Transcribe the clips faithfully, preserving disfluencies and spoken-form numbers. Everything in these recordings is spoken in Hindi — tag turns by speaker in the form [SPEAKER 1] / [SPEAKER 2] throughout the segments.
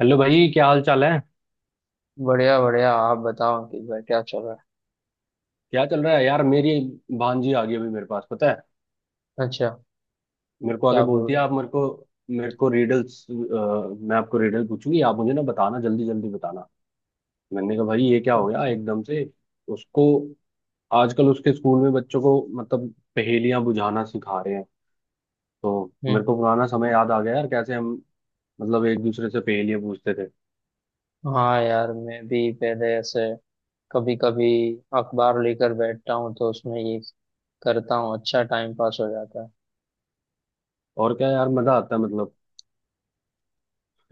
[SPEAKER 1] हेलो भाई, क्या हाल चाल है।
[SPEAKER 2] बढ़िया बढ़िया, आप बताओ अंकित भाई, क्या चल रहा
[SPEAKER 1] क्या चल रहा है यार, मेरी भांजी आ गई अभी मेरे पास, पता है।
[SPEAKER 2] है। अच्छा।
[SPEAKER 1] मेरे को आगे
[SPEAKER 2] क्या बोल
[SPEAKER 1] बोलती है,
[SPEAKER 2] रहे।
[SPEAKER 1] आप मेरे को मेरे को रिडल्स, मैं आपको रिडल पूछूंगी, आप मुझे ना बताना, जल्दी जल्दी बताना। मैंने कहा भाई ये क्या हो गया
[SPEAKER 2] अच्छा।
[SPEAKER 1] एकदम से। उसको आजकल उसके स्कूल में बच्चों को मतलब पहेलियां बुझाना सिखा रहे हैं। तो मेरे को
[SPEAKER 2] हम्म।
[SPEAKER 1] पुराना समय याद आ गया यार, कैसे हम मतलब एक दूसरे से पहेलियां पूछते थे।
[SPEAKER 2] हाँ यार, मैं भी पहले ऐसे कभी कभी अखबार लेकर बैठता हूँ तो उसमें ये करता हूँ, अच्छा टाइम पास हो जाता है।
[SPEAKER 1] और क्या यार, मजा आता है मतलब।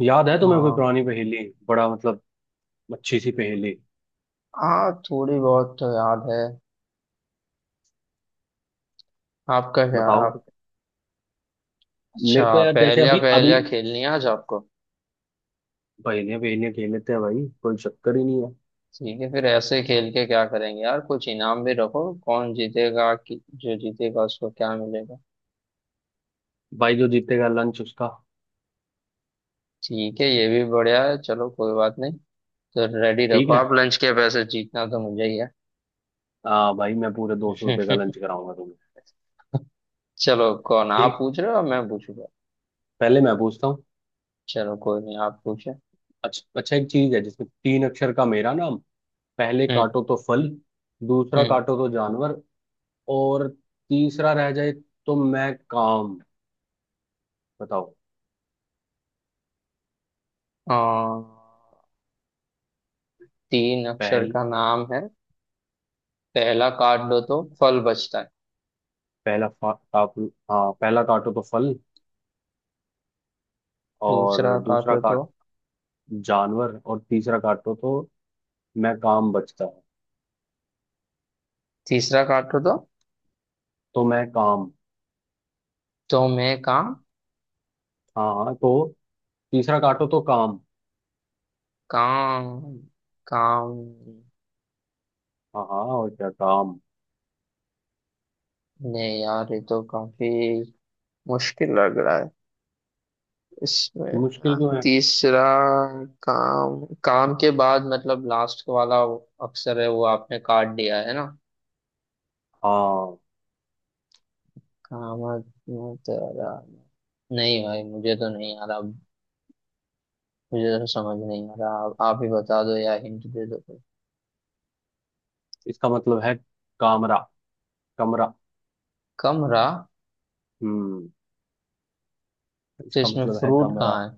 [SPEAKER 1] याद है तुम्हें कोई
[SPEAKER 2] हाँ
[SPEAKER 1] पुरानी पहेली, बड़ा मतलब अच्छी सी पहेली,
[SPEAKER 2] हाँ, थोड़ी बहुत तो याद है। आपका क्या?
[SPEAKER 1] बताओ।
[SPEAKER 2] आप अच्छा
[SPEAKER 1] मेरे को यार जैसे
[SPEAKER 2] पहेलियाँ
[SPEAKER 1] अभी अभी
[SPEAKER 2] पहेलियाँ खेलनी है आज आपको।
[SPEAKER 1] पहले पहले खेल लेते हैं भाई, कोई चक्कर ही नहीं है।
[SPEAKER 2] ठीक है, फिर ऐसे खेल के क्या करेंगे यार, कुछ इनाम भी रखो। कौन जीतेगा कि जो जीतेगा उसको क्या मिलेगा।
[SPEAKER 1] भाई जो जीतेगा, लंच उसका।
[SPEAKER 2] ठीक है, ये भी बढ़िया है, चलो कोई बात नहीं। तो रेडी
[SPEAKER 1] ठीक
[SPEAKER 2] रखो
[SPEAKER 1] है।
[SPEAKER 2] आप लंच के पैसे, जीतना तो मुझे ही है।
[SPEAKER 1] हाँ भाई, मैं पूरे दो सौ रुपये का लंच कराऊंगा तुम्हें।
[SPEAKER 2] चलो, कौन आप
[SPEAKER 1] ठीक,
[SPEAKER 2] पूछ रहे हो या मैं पूछूंगा।
[SPEAKER 1] पहले मैं पूछता हूँ।
[SPEAKER 2] चलो कोई नहीं, आप पूछे।
[SPEAKER 1] अच्छा अच्छा, एक चीज है जिसमें तीन अक्षर का मेरा नाम। पहले
[SPEAKER 2] हम्म।
[SPEAKER 1] काटो तो फल, दूसरा
[SPEAKER 2] हम्म।
[SPEAKER 1] काटो तो जानवर, और तीसरा रह जाए तो मैं काम। बताओ।
[SPEAKER 2] आ, तीन अक्षर
[SPEAKER 1] पहल।
[SPEAKER 2] का नाम है। पहला काट दो तो फल बचता है।
[SPEAKER 1] पहला फा, काप, हाँ, पहला काटो तो फल, और
[SPEAKER 2] दूसरा
[SPEAKER 1] दूसरा
[SPEAKER 2] काटो
[SPEAKER 1] काट
[SPEAKER 2] तो।
[SPEAKER 1] जानवर, और तीसरा काटो तो मैं काम बचता।
[SPEAKER 2] तीसरा काटो तो।
[SPEAKER 1] तो मैं काम।
[SPEAKER 2] तो मैं काम।
[SPEAKER 1] हाँ हाँ, तो तीसरा काटो तो काम।
[SPEAKER 2] काम। काम।
[SPEAKER 1] हाँ हाँ, और क्या काम।
[SPEAKER 2] नहीं यार, ये तो काफी मुश्किल लग रहा है।
[SPEAKER 1] मुश्किल
[SPEAKER 2] इसमें
[SPEAKER 1] क्यों है।
[SPEAKER 2] तीसरा काम, काम के बाद मतलब लास्ट वाला अक्षर है वो आपने काट दिया है ना।
[SPEAKER 1] हाँ,
[SPEAKER 2] काम तेरा। नहीं भाई, मुझे तो नहीं आ रहा। मुझे तो समझ नहीं आ रहा, आप, आप ही बता दो या हिंट दे दो कोई।
[SPEAKER 1] इसका मतलब है कामरा, कमरा।
[SPEAKER 2] कमरा?
[SPEAKER 1] हम्म,
[SPEAKER 2] तो
[SPEAKER 1] इसका
[SPEAKER 2] इसमें
[SPEAKER 1] मतलब है
[SPEAKER 2] फ्रूट
[SPEAKER 1] कमरा।
[SPEAKER 2] कहाँ है?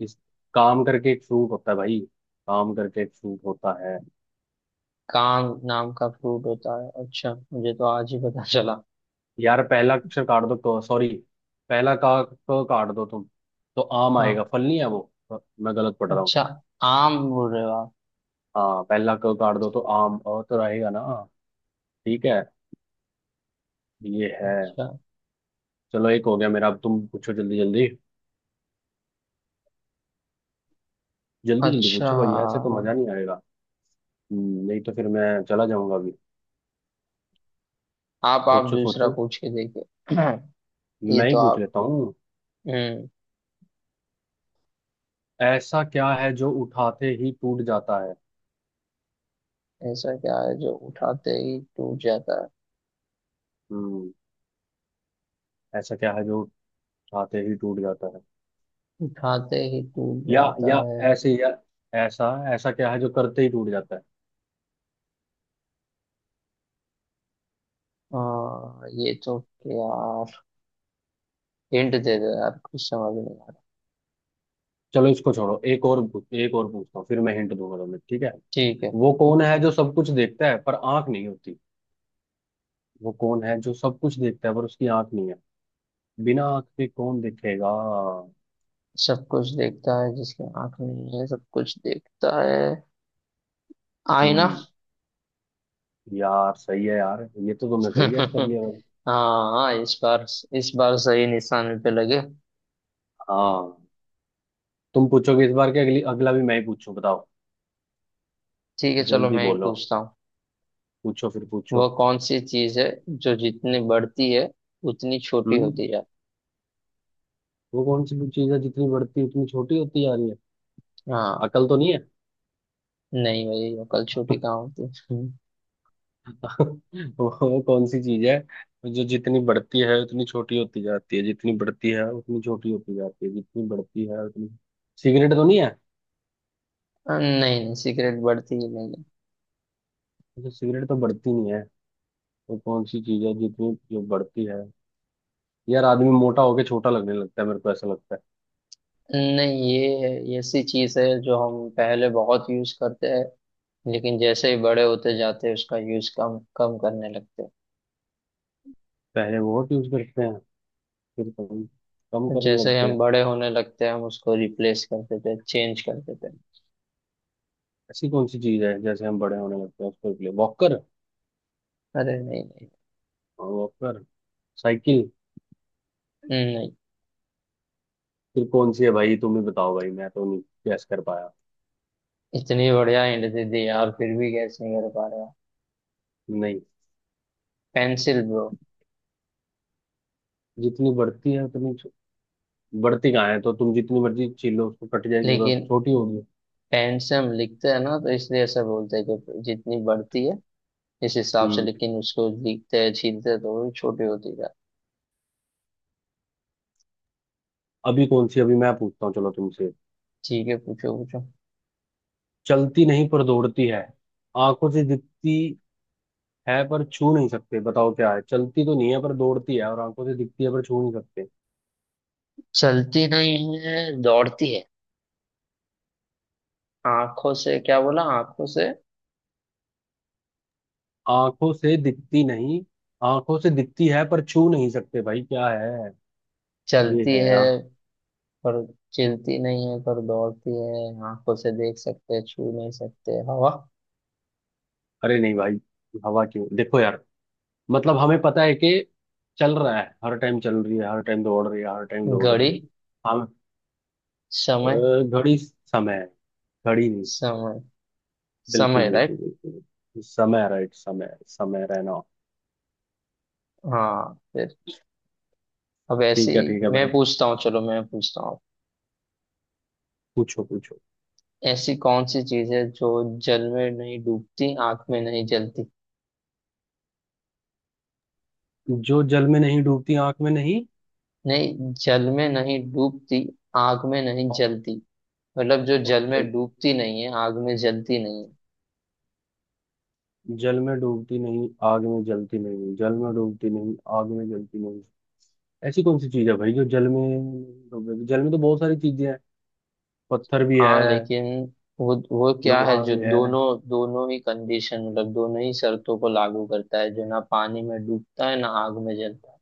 [SPEAKER 1] इस काम करके एक सूट होता है भाई, काम करके एक सूट होता है।
[SPEAKER 2] काम नाम का फ्रूट होता है, अच्छा मुझे तो आज ही पता चला।
[SPEAKER 1] यार पहला अक्षर काट दो तो सॉरी, पहला का क काट दो तुम, तो आम आएगा।
[SPEAKER 2] हाँ।
[SPEAKER 1] फल नहीं है वो, मैं गलत पढ़ रहा हूँ।
[SPEAKER 2] अच्छा, आम बोल रहे हो आप।
[SPEAKER 1] हाँ, पहला क काट दो तो आम, अ तो रहेगा ना। ठीक है, ये है।
[SPEAKER 2] अच्छा।
[SPEAKER 1] चलो एक हो गया मेरा, अब तुम पूछो जल्दी जल्दी। जल्दी जल्दी
[SPEAKER 2] अच्छा,
[SPEAKER 1] पूछो भाई, ऐसे तो मजा नहीं आएगा। हम्म, नहीं तो फिर मैं चला जाऊंगा अभी।
[SPEAKER 2] आप आप
[SPEAKER 1] सोचो
[SPEAKER 2] दूसरा
[SPEAKER 1] सोचो,
[SPEAKER 2] पूछ के देखिए। ये
[SPEAKER 1] मैं
[SPEAKER 2] तो
[SPEAKER 1] ही पूछ
[SPEAKER 2] आप।
[SPEAKER 1] लेता हूँ।
[SPEAKER 2] हम्म।
[SPEAKER 1] ऐसा क्या है जो उठाते ही टूट जाता है।
[SPEAKER 2] ऐसा क्या है जो उठाते ही टूट जाता है?
[SPEAKER 1] हम्म, ऐसा क्या है जो उठाते ही टूट जाता है।
[SPEAKER 2] उठाते ही टूट
[SPEAKER 1] या
[SPEAKER 2] जाता
[SPEAKER 1] या
[SPEAKER 2] है।
[SPEAKER 1] ऐसे या ऐसा ऐसा क्या है जो करते ही टूट जाता है।
[SPEAKER 2] हाँ ये तो, यार हिंट दे दो यार, कुछ समझ नहीं आ रहा।
[SPEAKER 1] चलो इसको छोड़ो, एक और पूछ- एक और पूछता हूँ, फिर मैं हिंट दूंगा तुम्हें, ठीक है।
[SPEAKER 2] ठीक है।
[SPEAKER 1] वो कौन है जो सब कुछ देखता है पर आंख नहीं होती। वो कौन है जो सब कुछ देखता है पर उसकी आंख नहीं है। बिना आंख के कौन देखेगा।
[SPEAKER 2] सब कुछ देखता है जिसकी आंख नहीं है, सब कुछ देखता है। आईना।
[SPEAKER 1] हम्म, यार सही है यार, ये तो तुमने सही गैस कर लिया भाई।
[SPEAKER 2] हाँ हाँ, इस बार इस बार सही निशाने पे लगे।
[SPEAKER 1] हाँ, तुम पूछोगे इस बार के अगली, अगला भी मैं ही पूछूं बताओ।
[SPEAKER 2] ठीक है चलो,
[SPEAKER 1] जल्दी
[SPEAKER 2] मैं ही
[SPEAKER 1] बोलो,
[SPEAKER 2] पूछता हूँ।
[SPEAKER 1] पूछो फिर
[SPEAKER 2] वह
[SPEAKER 1] पूछो।
[SPEAKER 2] कौन सी चीज है जो जितनी बढ़ती है उतनी छोटी
[SPEAKER 1] हम्म,
[SPEAKER 2] होती जाती
[SPEAKER 1] वो कौन सी चीज है जितनी बढ़ती है, उतनी छोटी होती जा रही है।
[SPEAKER 2] है। हाँ।
[SPEAKER 1] अकल तो नहीं है।
[SPEAKER 2] नहीं भाई, अकल छोटी कहाँ होती है।
[SPEAKER 1] वो कौन सी चीज है जो जितनी बढ़ती है उतनी छोटी होती जाती है, जितनी बढ़ती है उतनी छोटी होती जाती है, जितनी बढ़ती है उतनी। सिगरेट तो नहीं है।
[SPEAKER 2] नहीं नहीं, सिगरेट बढ़ती ही नहीं है।
[SPEAKER 1] अच्छा, सिगरेट तो बढ़ती नहीं है। तो कौन सी चीज है जितनी जो बढ़ती है। यार आदमी मोटा होके छोटा लगने लगता है, मेरे को ऐसा लगता है।
[SPEAKER 2] नहीं, ये ऐसी चीज है जो हम पहले बहुत यूज करते हैं लेकिन जैसे ही बड़े होते जाते हैं उसका यूज कम कम करने लगते
[SPEAKER 1] पहले बहुत यूज करते हैं, फिर कम कम
[SPEAKER 2] हैं।
[SPEAKER 1] करने
[SPEAKER 2] जैसे ही
[SPEAKER 1] लगते
[SPEAKER 2] हम
[SPEAKER 1] हैं।
[SPEAKER 2] बड़े होने लगते हैं हम उसको रिप्लेस कर देते हैं, चेंज कर देते हैं।
[SPEAKER 1] ऐसी कौन सी चीज है, जैसे हम बड़े होने लगते हैं, उसको लिए वॉकर।
[SPEAKER 2] अरे नहीं नहीं।
[SPEAKER 1] Walker, cycle.
[SPEAKER 2] नहीं,
[SPEAKER 1] फिर कौन सी है भाई, तुम ही बताओ भाई, मैं तो नहीं गैस कर पाया।
[SPEAKER 2] इतनी बढ़िया हिंट दे दी यार, फिर भी गैस नहीं कर पा रहे हो।
[SPEAKER 1] नहीं,
[SPEAKER 2] पेंसिल ब्रो।
[SPEAKER 1] जितनी बढ़ती है उतनी छो- बढ़ती कहाँ है तो, तुम जितनी मर्जी छील लो उसको, कट जाएगी उधर,
[SPEAKER 2] लेकिन
[SPEAKER 1] छोटी होगी।
[SPEAKER 2] पेन से हम लिखते हैं ना, तो इसलिए ऐसा बोलते हैं कि जितनी बढ़ती है इस हिसाब से,
[SPEAKER 1] हम्म,
[SPEAKER 2] लेकिन उसको लिखते हैं छीलते हैं तो वो छोटी होती है।
[SPEAKER 1] अभी कौन सी अभी मैं पूछता हूँ, चलो तुमसे।
[SPEAKER 2] ठीक है, पूछो पूछो।
[SPEAKER 1] चलती नहीं पर दौड़ती है, आंखों से दिखती है पर छू नहीं सकते, बताओ क्या है। चलती तो नहीं है पर दौड़ती है, और आंखों से दिखती है पर छू नहीं सकते।
[SPEAKER 2] चलती नहीं है दौड़ती है। आंखों से क्या बोला? आंखों से
[SPEAKER 1] आंखों से दिखती नहीं, आंखों से दिखती है पर छू नहीं सकते, भाई क्या है। ये
[SPEAKER 2] चलती
[SPEAKER 1] है
[SPEAKER 2] है
[SPEAKER 1] यार,
[SPEAKER 2] पर, चलती नहीं है पर दौड़ती है, आंखों से देख सकते हैं छू नहीं सकते, हवा।
[SPEAKER 1] अरे नहीं भाई, हवा क्यों देखो यार। मतलब हमें पता है कि चल रहा है हर टाइम, चल रही है हर टाइम, दौड़ रही है हर टाइम, दौड़ रही
[SPEAKER 2] घड़ी।
[SPEAKER 1] है। हम, अ,
[SPEAKER 2] समय।
[SPEAKER 1] घड़ी, समय है, घड़ी नहीं,
[SPEAKER 2] समय।
[SPEAKER 1] बिल्कुल
[SPEAKER 2] समय
[SPEAKER 1] बिल्कुल
[SPEAKER 2] राइट।
[SPEAKER 1] बिल्कुल समय, राइट, समय समय रहना।
[SPEAKER 2] हाँ फिर, अब ऐसी
[SPEAKER 1] ठीक है ठीक है
[SPEAKER 2] मैं
[SPEAKER 1] भाई।
[SPEAKER 2] पूछता हूँ चलो मैं पूछता हूँ,
[SPEAKER 1] पूछो पूछो।
[SPEAKER 2] ऐसी कौन सी चीज है जो जल में नहीं डूबती आंख में नहीं जलती।
[SPEAKER 1] जो जल में नहीं डूबती, आंख में नहीं।
[SPEAKER 2] नहीं, जल में नहीं डूबती आंख में नहीं जलती, मतलब जो जल
[SPEAKER 1] ओके,
[SPEAKER 2] में डूबती नहीं है आग में जलती नहीं है।
[SPEAKER 1] जल में डूबती नहीं, आग में जलती नहीं, जल में डूबती नहीं, आग में जलती नहीं। ऐसी कौन सी चीज है भाई, जो जल में डूबेगी, जल में तो बहुत सारी चीजें हैं, पत्थर भी है,
[SPEAKER 2] हाँ लेकिन वो वो क्या है
[SPEAKER 1] लोहा
[SPEAKER 2] जो
[SPEAKER 1] भी है।
[SPEAKER 2] दोनों दोनों ही कंडीशन, मतलब दोनों ही शर्तों को लागू करता है, जो ना पानी में डूबता है ना आग में जलता है।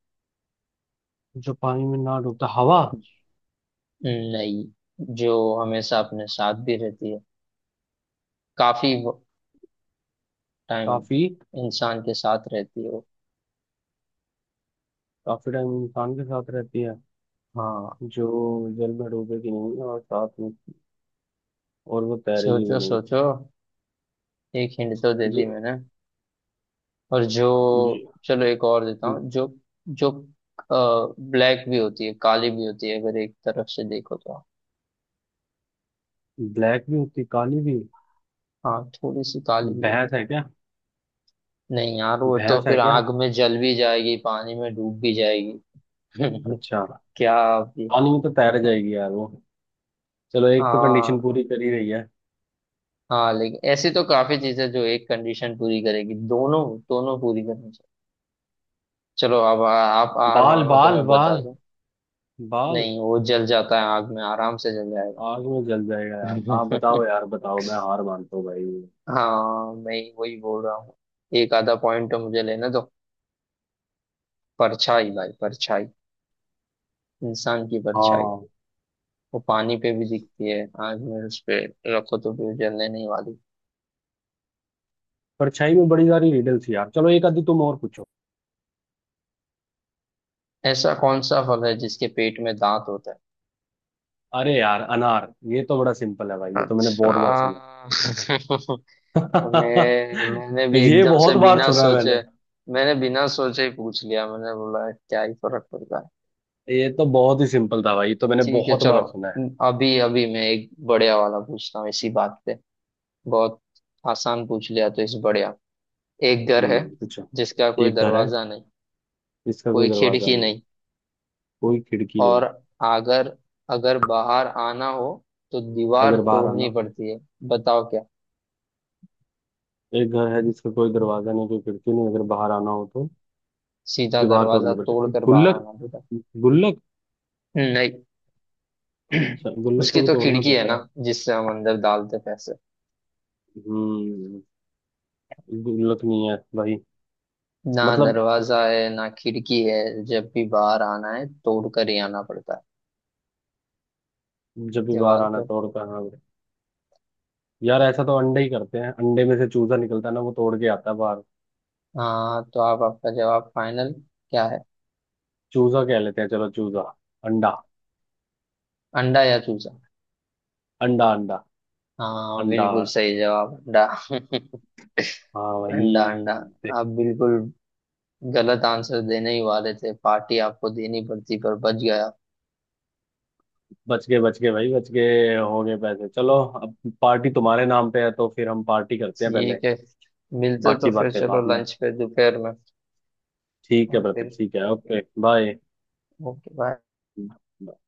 [SPEAKER 1] जो पानी में ना डूबता, हवा।
[SPEAKER 2] नहीं, जो हमेशा अपने साथ भी रहती है, काफी टाइम
[SPEAKER 1] काफी
[SPEAKER 2] इंसान के साथ रहती है वो।
[SPEAKER 1] काफी टाइम इंसान के साथ रहती है।
[SPEAKER 2] हाँ।
[SPEAKER 1] जो जल में डूबेगी नहीं, और साथ में, और वो तैरेगी भी
[SPEAKER 2] सोचो
[SPEAKER 1] नहीं।
[SPEAKER 2] सोचो, एक हिंट तो दे दी
[SPEAKER 1] ज,
[SPEAKER 2] मैंने। और जो, चलो एक और देता
[SPEAKER 1] ज,
[SPEAKER 2] हूँ। जो, जो ब्लैक भी होती है काली भी होती है अगर एक तरफ से देखो तो।
[SPEAKER 1] ब्लैक भी होती, काली भी।
[SPEAKER 2] हाँ, थोड़ी सी काली भी
[SPEAKER 1] भैंस
[SPEAKER 2] होती
[SPEAKER 1] है क्या।
[SPEAKER 2] है। नहीं यार, वो तो
[SPEAKER 1] भैंस है
[SPEAKER 2] फिर
[SPEAKER 1] क्या।
[SPEAKER 2] आग में जल भी जाएगी पानी में डूब भी जाएगी।
[SPEAKER 1] अच्छा,
[SPEAKER 2] क्या आप ये,
[SPEAKER 1] पानी में तो तैर जाएगी यार वो, चलो एक तो कंडीशन
[SPEAKER 2] हाँ
[SPEAKER 1] पूरी करी रही है।
[SPEAKER 2] हाँ लेकिन ऐसी तो काफी चीजें जो एक कंडीशन पूरी करेगी, दोनों दोनों पूरी करनी चाहिए। चलो अब, आ, आप हार
[SPEAKER 1] बाल
[SPEAKER 2] मानो तो
[SPEAKER 1] बाल
[SPEAKER 2] मैं बता
[SPEAKER 1] बाल
[SPEAKER 2] दूं।
[SPEAKER 1] बाल
[SPEAKER 2] नहीं, वो जल जाता है आग में, आराम से जल जाएगा।
[SPEAKER 1] आग में जल जाएगा यार, हाँ बताओ यार बताओ, मैं हार मानता हूँ भाई।
[SPEAKER 2] हाँ, मैं वही बोल रहा हूँ, एक आधा पॉइंट तो मुझे लेना दो। परछाई भाई, परछाई, इंसान की परछाई।
[SPEAKER 1] हाँ,
[SPEAKER 2] वो पानी पे भी दिखती है, आग में उस पे रखो तो भी वो जलने नहीं वाली।
[SPEAKER 1] परछाई में बड़ी सारी रिडल थी यार, चलो एक आधी तुम और पूछो।
[SPEAKER 2] ऐसा कौन सा फल है जिसके पेट में दांत होता है?
[SPEAKER 1] अरे यार, अनार, ये तो बड़ा सिंपल है भाई, ये तो मैंने
[SPEAKER 2] अच्छा।
[SPEAKER 1] बहुत बार सुना
[SPEAKER 2] मैं
[SPEAKER 1] है।
[SPEAKER 2] मैंने भी
[SPEAKER 1] ये
[SPEAKER 2] एकदम से
[SPEAKER 1] बहुत बार
[SPEAKER 2] बिना
[SPEAKER 1] सुना है
[SPEAKER 2] सोचे,
[SPEAKER 1] मैंने।
[SPEAKER 2] मैंने बिना सोचे ही पूछ लिया, मैंने बोला क्या ही फर्क पड़ता है।
[SPEAKER 1] ये तो बहुत ही सिंपल था भाई, ये तो मैंने
[SPEAKER 2] ठीक है
[SPEAKER 1] बहुत
[SPEAKER 2] चलो,
[SPEAKER 1] बार सुना है।
[SPEAKER 2] अभी अभी मैं एक बढ़िया वाला पूछता हूँ इसी बात पे। बहुत आसान पूछ लिया तो इस बढ़िया। एक घर है
[SPEAKER 1] हम्म, पूछो।
[SPEAKER 2] जिसका कोई
[SPEAKER 1] एक घर है
[SPEAKER 2] दरवाजा नहीं,
[SPEAKER 1] जिसका कोई
[SPEAKER 2] कोई
[SPEAKER 1] दरवाजा
[SPEAKER 2] खिड़की
[SPEAKER 1] नहीं,
[SPEAKER 2] नहीं,
[SPEAKER 1] कोई खिड़की नहीं,
[SPEAKER 2] और अगर अगर बाहर आना हो तो दीवार
[SPEAKER 1] अगर बाहर
[SPEAKER 2] तोड़नी
[SPEAKER 1] आना।
[SPEAKER 2] पड़ती है। बताओ क्या।
[SPEAKER 1] एक घर है जिसका कोई दरवाजा नहीं, कोई खिड़की नहीं, अगर बाहर आना हो तो
[SPEAKER 2] सीधा
[SPEAKER 1] दीवार
[SPEAKER 2] दरवाजा
[SPEAKER 1] तोड़नी पड़ती
[SPEAKER 2] तोड़
[SPEAKER 1] है।
[SPEAKER 2] कर बाहर
[SPEAKER 1] गुल्लक,
[SPEAKER 2] आना पड़ता
[SPEAKER 1] गुल्लक।
[SPEAKER 2] है? नहीं।
[SPEAKER 1] अच्छा, गुल्लक को
[SPEAKER 2] उसकी
[SPEAKER 1] भी
[SPEAKER 2] तो
[SPEAKER 1] तोड़ना
[SPEAKER 2] खिड़की है
[SPEAKER 1] पड़ता
[SPEAKER 2] ना
[SPEAKER 1] है।
[SPEAKER 2] जिससे हम अंदर डालते पैसे।
[SPEAKER 1] हम्म, गुल्लक नहीं है भाई।
[SPEAKER 2] ना
[SPEAKER 1] मतलब
[SPEAKER 2] दरवाजा है ना खिड़की है, जब भी बाहर आना है तोड़ कर ही आना पड़ता है
[SPEAKER 1] जब भी बाहर
[SPEAKER 2] दीवार
[SPEAKER 1] आना
[SPEAKER 2] पर।
[SPEAKER 1] तोड़ता है, हाँ। यार ऐसा तो अंडे ही करते हैं, अंडे में से चूजा निकलता है ना, वो तोड़ के आता है बाहर।
[SPEAKER 2] हाँ तो आप आपका जवाब फाइनल क्या है?
[SPEAKER 1] चूजा कह लेते हैं, चलो चूजा, अंडा,
[SPEAKER 2] अंडा या चूजा?
[SPEAKER 1] अंडा, अंडा,
[SPEAKER 2] हाँ
[SPEAKER 1] अंडा।
[SPEAKER 2] बिल्कुल सही जवाब, अंडा।
[SPEAKER 1] हाँ भाई।
[SPEAKER 2] अंडा, अंडा।
[SPEAKER 1] देख,
[SPEAKER 2] आप बिल्कुल गलत आंसर देने ही वाले थे, पार्टी आपको देनी पड़ती पर बच गया।
[SPEAKER 1] बच गए, बच गए भाई, बच गए, हो गए पैसे, चलो अब पार्टी तुम्हारे नाम पे है, तो फिर हम पार्टी करते हैं पहले,
[SPEAKER 2] ठीक है, मिलते तो
[SPEAKER 1] बाकी
[SPEAKER 2] फिर
[SPEAKER 1] बातें
[SPEAKER 2] चलो
[SPEAKER 1] बाद में।
[SPEAKER 2] लंच पे दोपहर में।
[SPEAKER 1] ठीक है
[SPEAKER 2] और
[SPEAKER 1] ब्रदर,
[SPEAKER 2] फिर
[SPEAKER 1] ठीक है, ओके बाय।
[SPEAKER 2] ओके।